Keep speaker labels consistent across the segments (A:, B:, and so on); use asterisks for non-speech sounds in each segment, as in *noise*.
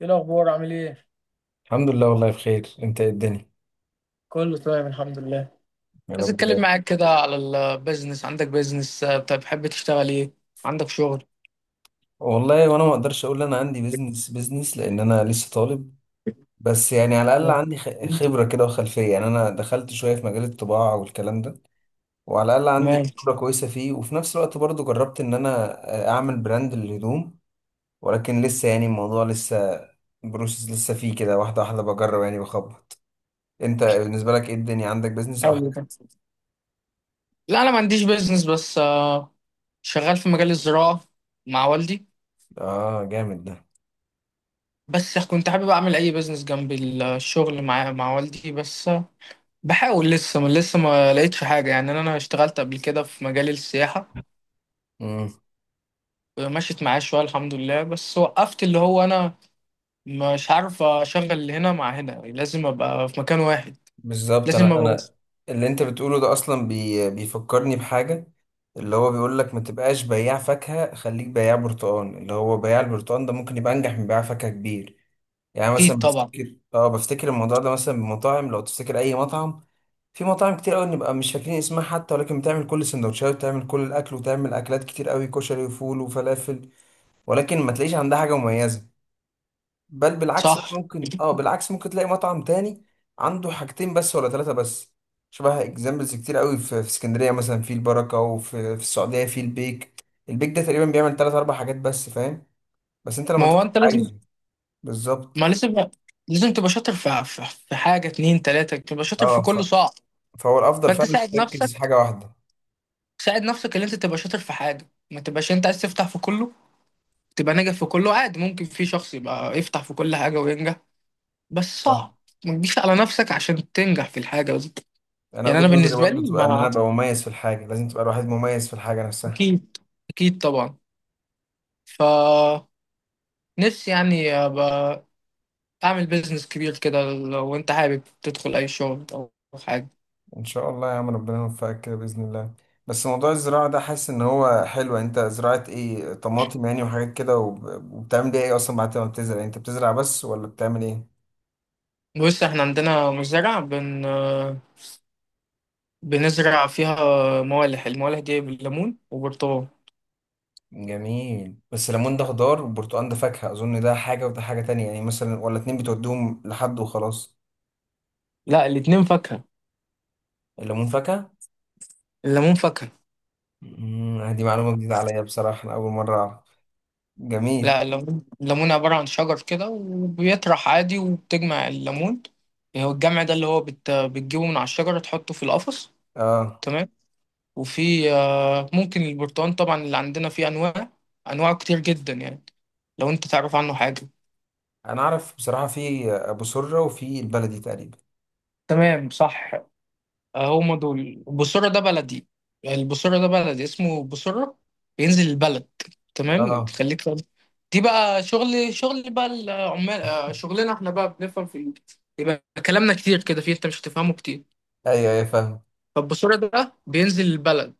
A: ايه الاخبار؟ عامل ايه؟
B: الحمد لله، والله بخير. انت ايه الدنيا؟
A: كله تمام، الحمد لله.
B: يا
A: عايز
B: رب
A: اتكلم
B: دايما.
A: معاك كده على البيزنس. عندك بيزنس؟ طب بتحب تشتغل ايه؟ عندك شغل؟
B: والله وانا ما اقدرش اقول انا عندي بيزنس، لان انا لسه طالب. بس يعني على الاقل عندي خبره كده وخلفيه، يعني انا دخلت شويه في مجال الطباعه والكلام ده، وعلى الاقل
A: تمام.
B: عندي خبره كويسه فيه، وفي نفس الوقت برضو جربت ان انا اعمل براند للهدوم. ولكن لسه يعني الموضوع لسه بروسس، لسه فيه كده واحده واحده بجرب، يعني بخبط. انت بالنسبه لك ايه الدنيا؟ عندك بيزنس او
A: حلو
B: حاجه؟
A: ده. لا، انا ما عنديش بيزنس بس شغال في مجال الزراعة مع والدي.
B: اه، جامد.
A: بس كنت حابب اعمل اي بيزنس جنب الشغل مع والدي بس بحاول لسه. ما لقيتش حاجة. يعني انا اشتغلت قبل كده في مجال السياحة،
B: ده
A: ومشيت معايا شوية الحمد لله، بس وقفت. اللي هو انا مش عارف اشغل هنا مع هنا، لازم ابقى في مكان واحد.
B: بالظبط
A: لازم
B: انا
A: ابقى.
B: انا اللي انت بتقوله ده، اصلا بيفكرني بحاجه، اللي هو بيقول لك ما تبقاش بياع فاكهه، خليك بياع برتقان. اللي هو بياع البرتقان ده ممكن يبقى انجح من بياع فاكهه كبير. يعني مثلا
A: اكيد طبعا.
B: بفتكر، بفتكر الموضوع ده مثلا بمطاعم. لو تفتكر اي مطعم، في مطاعم كتير قوي نبقى مش فاكرين اسمها حتى، ولكن بتعمل كل السندوتشات وتعمل كل الاكل وتعمل اكلات كتير قوي، كشري وفول وفلافل، ولكن ما تلاقيش عندها حاجه مميزه. بل بالعكس بقى،
A: صح.
B: ممكن بالعكس ممكن تلاقي مطعم تاني عنده حاجتين بس ولا ثلاثة بس. شبه اكزامبلز كتير قوي في اسكندرية، مثلا في البركة، وفي السعودية في البيك. البيك ده تقريبا بيعمل ثلاث اربع حاجات بس، فاهم؟ بس انت
A: ما
B: لما
A: هو
B: تروح
A: انت لازم،
B: عايزه. بالظبط.
A: ما لازم، لازم تبقى شاطر في حاجه اتنين تلاته، تبقى شاطر في
B: اه ف...
A: كله صعب.
B: فهو الافضل
A: فانت
B: فعلا
A: ساعد
B: تركز
A: نفسك،
B: في حاجة واحدة.
A: ساعد نفسك ان انت تبقى شاطر في حاجه، ما تبقاش انت عايز تفتح في كله تبقى ناجح في كله. عادي، ممكن في شخص يبقى يفتح في كل حاجه وينجح، بس
B: صح،
A: صعب. ما تجيش على نفسك عشان تنجح في الحاجه دي.
B: انا
A: يعني
B: وجهة
A: انا
B: نظري
A: بالنسبه
B: برضو
A: لي
B: تبقى ان انا
A: ما،
B: ابقى مميز في الحاجة. لازم تبقى الواحد مميز في الحاجة نفسها.
A: اكيد، اكيد طبعا. ف نفسي يعني ابقى تعمل بيزنس كبير كده. لو انت حابب تدخل اي شغل او حاجه،
B: ان شاء الله يا عم، ربنا يوفقك كده باذن الله. بس موضوع الزراعه ده حاسس ان هو حلو. انت زراعه ايه؟ طماطم يعني وحاجات كده؟ وبتعمل بيها ايه اصلا بعد ما بتزرع؟ يعني انت بتزرع بس ولا بتعمل ايه؟
A: بص احنا عندنا مزرعه بنزرع فيها موالح. الموالح دي بالليمون وبرتقال.
B: جميل. بس ليمون ده خضار والبرتقال ده فاكهه اظن. ده حاجه وده حاجه تانية يعني، مثلا؟ ولا اتنين بتوديهم لحد وخلاص؟
A: لا، الاتنين فاكهه،
B: الليمون فاكهه؟
A: الليمون فاكهه.
B: دي معلومه جديده عليا بصراحه، انا اول مره اعرف.
A: لا،
B: جميل.
A: الليمون عباره عن شجر كده، وبيطرح عادي، وبتجمع الليمون. هو الجمع ده اللي هو بتجيبه من على الشجره، تحطه في القفص.
B: اه
A: تمام. وفي ممكن البرتقال طبعا، اللي عندنا فيه انواع. انواع كتير جدا يعني، لو انت تعرف عنه حاجه.
B: انا اعرف بصراحه في ابو سره وفي البلدي تقريبا.
A: تمام، صح. هم دول بوسورة، ده بلدي. البوسورة ده بلدي، اسمه بوسورة. بينزل البلد. تمام،
B: اه
A: تخليك فاهم. دي بقى شغل، بقى العمال شغلنا احنا بقى، بنفهم في يبقى كلامنا كتير كده فيه، انت مش هتفهمه كتير.
B: ايوه، ايوه، فاهم.
A: فالبوسورة ده بينزل البلد،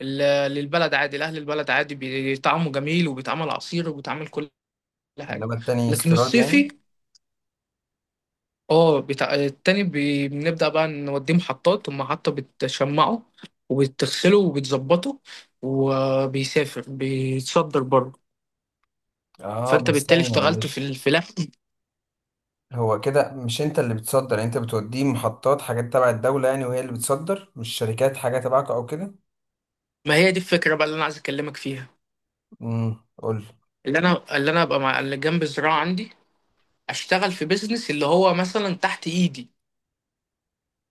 A: للبلد عادي، لأهل البلد عادي، بيطعمه جميل، وبيتعمل عصير، وبيتعمل كل حاجة.
B: انما التاني
A: لكن
B: استيراد يعني؟
A: الصيفي، اه بتاع التاني بنبدأ بقى نوديه محطات، المحطة بتشمعه وبتغسله وبتظبطه، وبيسافر بيتصدر بره.
B: اه
A: فانت
B: بس
A: بالتالي
B: ثانية
A: اشتغلت في
B: معلش.
A: الفلاح.
B: هو كده مش انت اللي بتصدر يعني؟ انت بتوديه محطات حاجات تبع الدولة يعني، وهي اللي بتصدر، مش شركات حاجة تبعك او كده؟
A: ما هي دي الفكرة بقى اللي انا عايز اكلمك فيها.
B: قول لي.
A: اللي انا ابقى مع اللي جنب الزراعة عندي اشتغل في بيزنس اللي هو مثلا تحت ايدي.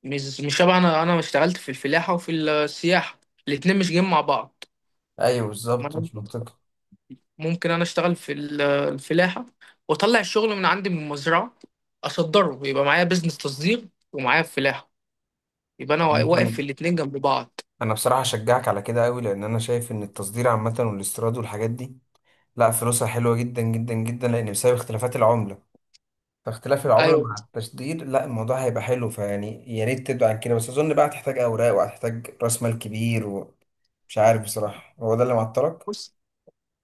A: مش شبه انا اشتغلت في الفلاحة وفي السياحة، الاتنين مش جايين مع بعض.
B: ايوه
A: ما
B: بالظبط،
A: أنا-
B: مش منطقي.
A: ممكن انا اشتغل في الفلاحه، واطلع الشغل من عندي من المزرعه اصدره، يبقى معايا بزنس تصدير ومعايا فلاحه، يبقى انا واقف
B: عامة،
A: في الاتنين جنب بعض.
B: انا بصراحة اشجعك على كده قوي، لان انا شايف ان التصدير عامة والاستيراد والحاجات دي، لا، فلوسها حلوة جدا جدا جدا، لان بسبب اختلافات العملة. فاختلاف العملة
A: ايوه.
B: مع التصدير، لا، الموضوع هيبقى حلو، فيعني يا ريت تبدأ عن كده. بس اظن بقى هتحتاج اوراق وهتحتاج راس مال كبير. مش عارف بصراحة، هو ده اللي معطلك؟
A: بص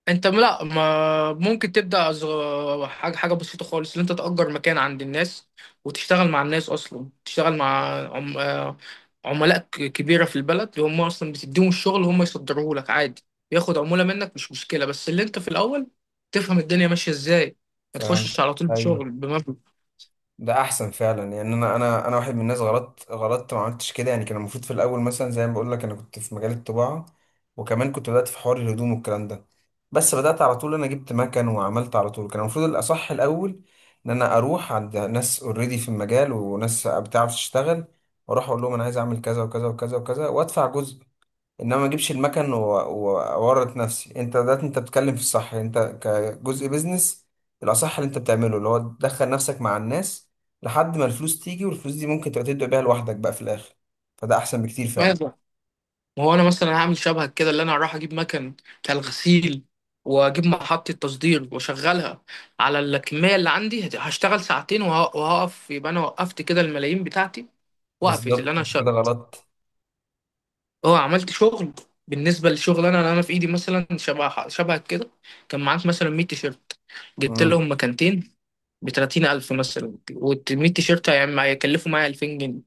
A: انت لا، ما ممكن تبدا حاجه حاجه بسيطه خالص، ان انت تاجر مكان عند الناس، وتشتغل مع الناس، اصلا تشتغل مع عم... آه، عملاء كبيره في البلد، اللي هم اصلا بتديهم الشغل هم يصدروه لك عادي، ياخد عموله منك مش مشكله. بس اللي انت في الاول تفهم الدنيا ماشيه ازاي، ما تخشش
B: فهمت،
A: على طول
B: ايوه.
A: بشغل
B: ده احسن فعلا، يعني انا واحد من الناس غلطت، ما عملتش كده يعني. كان المفروض في الاول مثلا، زي ما بقول لك، انا كنت في مجال الطباعه، وكمان كنت بدات في حوار الهدوم والكلام ده، بس بدات على طول. انا جبت مكن وعملت على طول. كان المفروض الاصح الاول ان انا اروح عند ناس اوريدي في المجال وناس بتعرف تشتغل، واروح اقول لهم انا عايز اعمل كذا وكذا وكذا وكذا وادفع جزء، انما ما اجيبش المكن واورط نفسي. انت بتتكلم في الصح. انت كجزء بيزنس الاصح اللي انت بتعمله اللي هو تدخل نفسك مع الناس لحد ما الفلوس تيجي، والفلوس دي ممكن تبقى تبدأ بيها لوحدك بقى في الاخر. فده احسن بكتير فعلا.
A: بمبلغ. ما هو انا مثلا هعمل شبهك كده، اللي انا هروح اجيب مكن بتاع الغسيل، واجيب محطة تصدير واشغلها على الكمية اللي عندي. هشتغل ساعتين وهقف، يبقى انا وقفت كده الملايين بتاعتي. وقفت اللي
B: بالظبط،
A: انا
B: انت كده
A: شغل.
B: غلط.
A: اه، عملت شغل. بالنسبة للشغل، انا اللي انا في ايدي مثلا شبه شبهك كده، كان معاك مثلا 100 تيشيرت، جبت
B: امم
A: لهم مكانتين ب 30,000 مثلا، وال 100 تيشيرت هيكلفوا معايا 2000 جنيه،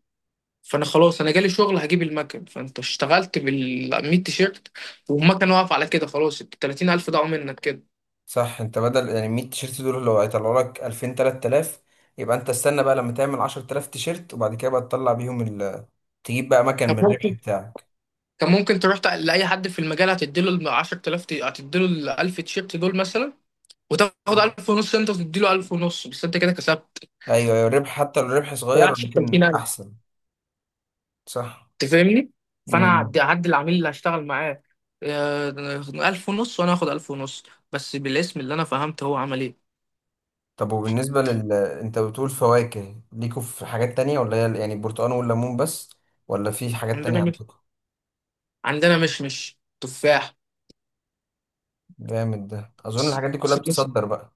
A: فانا خلاص انا جالي شغل هجيب المكن. فانت اشتغلت بال 100 تيشيرت، والمكن واقف على كده، خلاص ال 30,000 ضاعوا منك كده.
B: صح، انت بدل يعني 100 تيشيرت دول لو هيطلعوا لك 2000 3000، يبقى انت استنى بقى لما تعمل 10000 تيشيرت، وبعد كده بقى تطلع بيهم تجيب بقى مكن من
A: طب
B: الربح
A: ممكن،
B: بتاعك.
A: كان ممكن تروح لاي حد في المجال هتديله ال 10,000 هتديله ال 1000 تيشيرت دول مثلا، وتاخد
B: ايوه،
A: 1000 ونص انت، وتديله 1000 ونص، بس انت كده كسبت،
B: ايوه، الربح حتى لو الربح
A: ما
B: صغير
A: ضيعتش ال
B: لكن
A: 30,000.
B: احسن. صح.
A: انت فاهمني؟ فانا
B: مم.
A: هعدي العميل اللي هشتغل معاه آه، 1000 ونص، وانا هاخد 1000 ونص، بس بالاسم، اللي انا فهمت هو عمل ايه.
B: طب وبالنسبة لل، انت بتقول فواكه ليكوا، في حاجات تانية ولا هي يعني البرتقال والليمون بس؟ ولا في حاجات تانية
A: عندنا مش
B: عندكم؟
A: عندنا مشمش، تفاح.
B: جامد، ده اظن الحاجات دي كلها بتصدر بقى.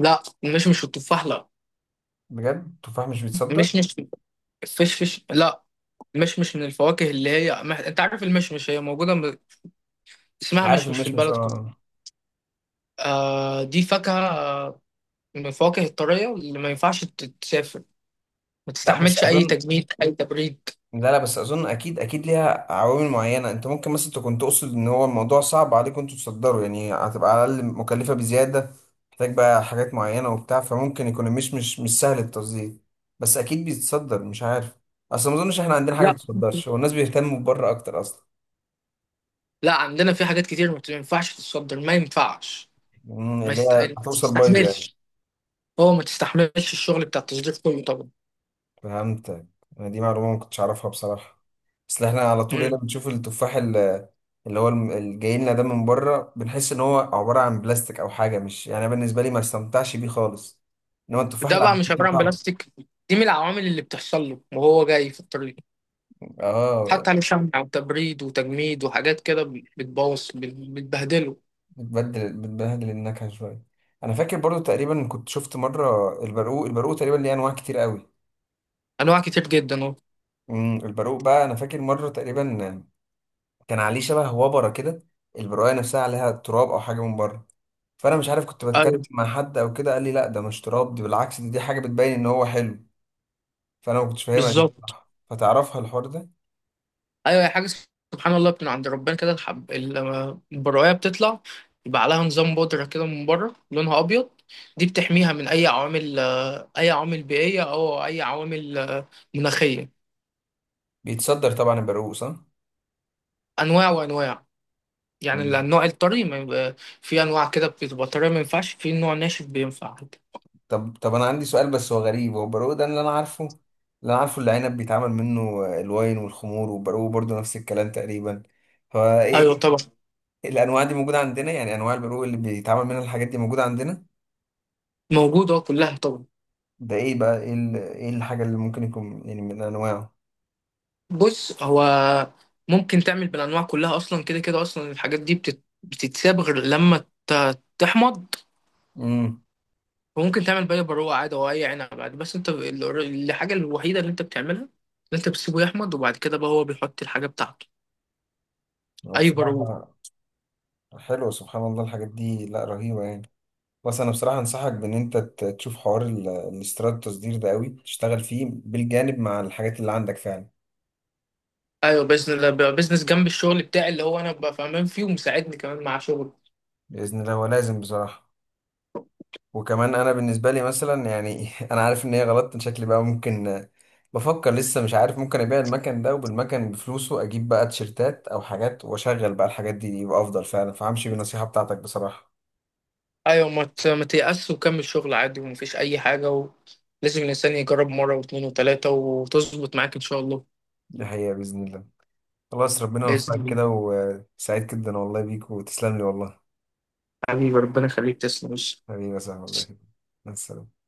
A: لا، مش التفاح. لا،
B: بجد؟ التفاح مش
A: مش
B: بيتصدر؟
A: مش الفشفش، لا، مش من الفواكه، اللي هي ما... انت عارف المشمش، هي موجوده، اسمها
B: عارف،
A: مشمش في
B: المشمش
A: البلد كلها.
B: اه.
A: آه دي فاكهه. من الفواكه الطريه اللي ما ينفعش تتسافر، ما
B: لا بس
A: تستحملش اي
B: اظن.
A: تجميد اي تبريد.
B: لا، لا، بس اظن اكيد، اكيد ليها عوامل معينه. انت ممكن مثلا تكون تقصد ان هو الموضوع صعب عليكم انتوا تصدروا، يعني هتبقى على الاقل مكلفه بزياده، محتاج بقى حاجات معينه وبتاع، فممكن يكون مش سهل التصدير، بس اكيد بيتصدر مش عارف. اصل ما اظنش احنا عندنا حاجه ما
A: لا
B: بتتصدرش، هو الناس بيهتموا بره اكتر اصلا.
A: لا، عندنا في حاجات كتير ما ينفعش تتصدر، ما ينفعش.
B: اللي هي
A: ما
B: هتوصل بايظه يعني.
A: تستحملش. هو ما تستحملش الشغل بتاع التصدير كله طبعا.
B: فهمتك. أنا دي معلومة ما كنتش أعرفها بصراحة، بس إحنا على طول هنا
A: مم.
B: بنشوف التفاح اللي هو اللي جاي لنا ده من بره، بنحس إن هو عبارة عن بلاستيك أو حاجة. مش يعني، أنا بالنسبة لي ما استمتعش بيه خالص. إنما التفاح
A: ده
B: اللي
A: بقى
B: عندنا
A: مش
B: ليه
A: عباره عن
B: طعم.
A: بلاستيك، دي من العوامل اللي بتحصل له وهو جاي في الطريق،
B: آه.
A: حتى عليه شمع وتبريد وتجميد وحاجات كده، بتبوظ بتبهدله.
B: بتبدل بتبهدل النكهة شوية. أنا فاكر برضو تقريبا كنت شفت مرة البرقوق. تقريبا ليه أنواع كتير قوي.
A: انواع كتير جدا اهو.
B: البرقوق بقى، أنا فاكر مرة تقريبا كان عليه شبه وبرة كده، البرقوقة نفسها عليها تراب أو حاجة من بره، فانا مش عارف. كنت بتكلم
A: ايوه،
B: مع حد او كده قال لي لا ده مش تراب، دي بالعكس، دي حاجه بتبين ان هو حلو. فانا ما كنتش فاهمها دي
A: بالظبط.
B: بصراحه، فتعرفها الحوار ده.
A: ايوه، هي حاجه سبحان الله من عند ربنا كده. الحب لما البرايه بتطلع يبقى عليها نظام بودره كده من بره لونها ابيض، دي بتحميها من اي عوامل، اي عوامل بيئيه او اي عوامل مناخيه.
B: بيتصدر طبعا البرقوق صح؟
A: انواع وانواع، يعني
B: مم.
A: النوع الطري ما يبقى. في انواع كده بتبقى طريه ما ينفعش، في نوع ناشف بينفع عادي.
B: طب انا عندي سؤال بس هو غريب. هو البرقوق ده اللي انا عارفه، اللي عنب بيتعمل منه الواين والخمور، والبرقوق برضو نفس الكلام تقريبا،
A: ايوه
B: فايه؟
A: طبعا.
B: *laughs* الانواع دي موجوده عندنا يعني؟ انواع البرقوق اللي بيتعمل منها الحاجات دي موجوده عندنا؟
A: موجوده كلها طبعا.
B: ده ايه بقى؟ ايه الحاجه اللي ممكن يكون يعني من انواعه؟
A: بص هو ممكن تعمل بالانواع كلها اصلا. كده كده اصلا الحاجات دي بتتساب غير لما ت... تحمض.
B: امم
A: وممكن تعمل بقى بروقه عادي، او اي عنب عادي، بس انت الحاجه الوحيده اللي انت بتعملها، ان انت بتسيبه يحمض، وبعد كده بقى هو بيحط الحاجه بتاعته.
B: هو
A: اي بروق.
B: بصراحه حلو، سبحان الله الحاجات دي، لا رهيبة يعني. بس أنا بصراحة أنصحك بإن أنت تشوف حوار الاستيراد التصدير ده قوي، تشتغل فيه بالجانب مع الحاجات اللي عندك فعلا.
A: ايوه، بزنس جنب الشغل بتاعي، اللي هو انا ببقى فاهمان فيه ومساعدني كمان مع شغل.
B: بإذن الله هو لازم بصراحة. وكمان أنا بالنسبة لي مثلا يعني *laughs* أنا عارف إن هي غلط، إن شكلي بقى ممكن، بفكر لسه مش عارف. ممكن أبيع المكن ده وبالمكن بفلوسه أجيب بقى تيشرتات أو حاجات وأشغل بقى الحاجات دي، يبقى أفضل فعلا، فهمشي بالنصيحة بتاعتك بصراحة.
A: ايوه، ما تيأس، وكمل شغل عادي، ومفيش اي حاجه و... لازم الانسان يجرب مره واثنين وثلاثه، وتظبط معاك ان شاء الله.
B: دي حقيقة بإذن الله. خلاص، ربنا
A: باذن
B: يوفقك
A: الله.
B: كده، وسعيد جدا والله بيك، وتسلم لي والله.
A: حبيبي ربنا يخليك، تسلم وش
B: حبيبي يا صاحبي والله. مع السلامة.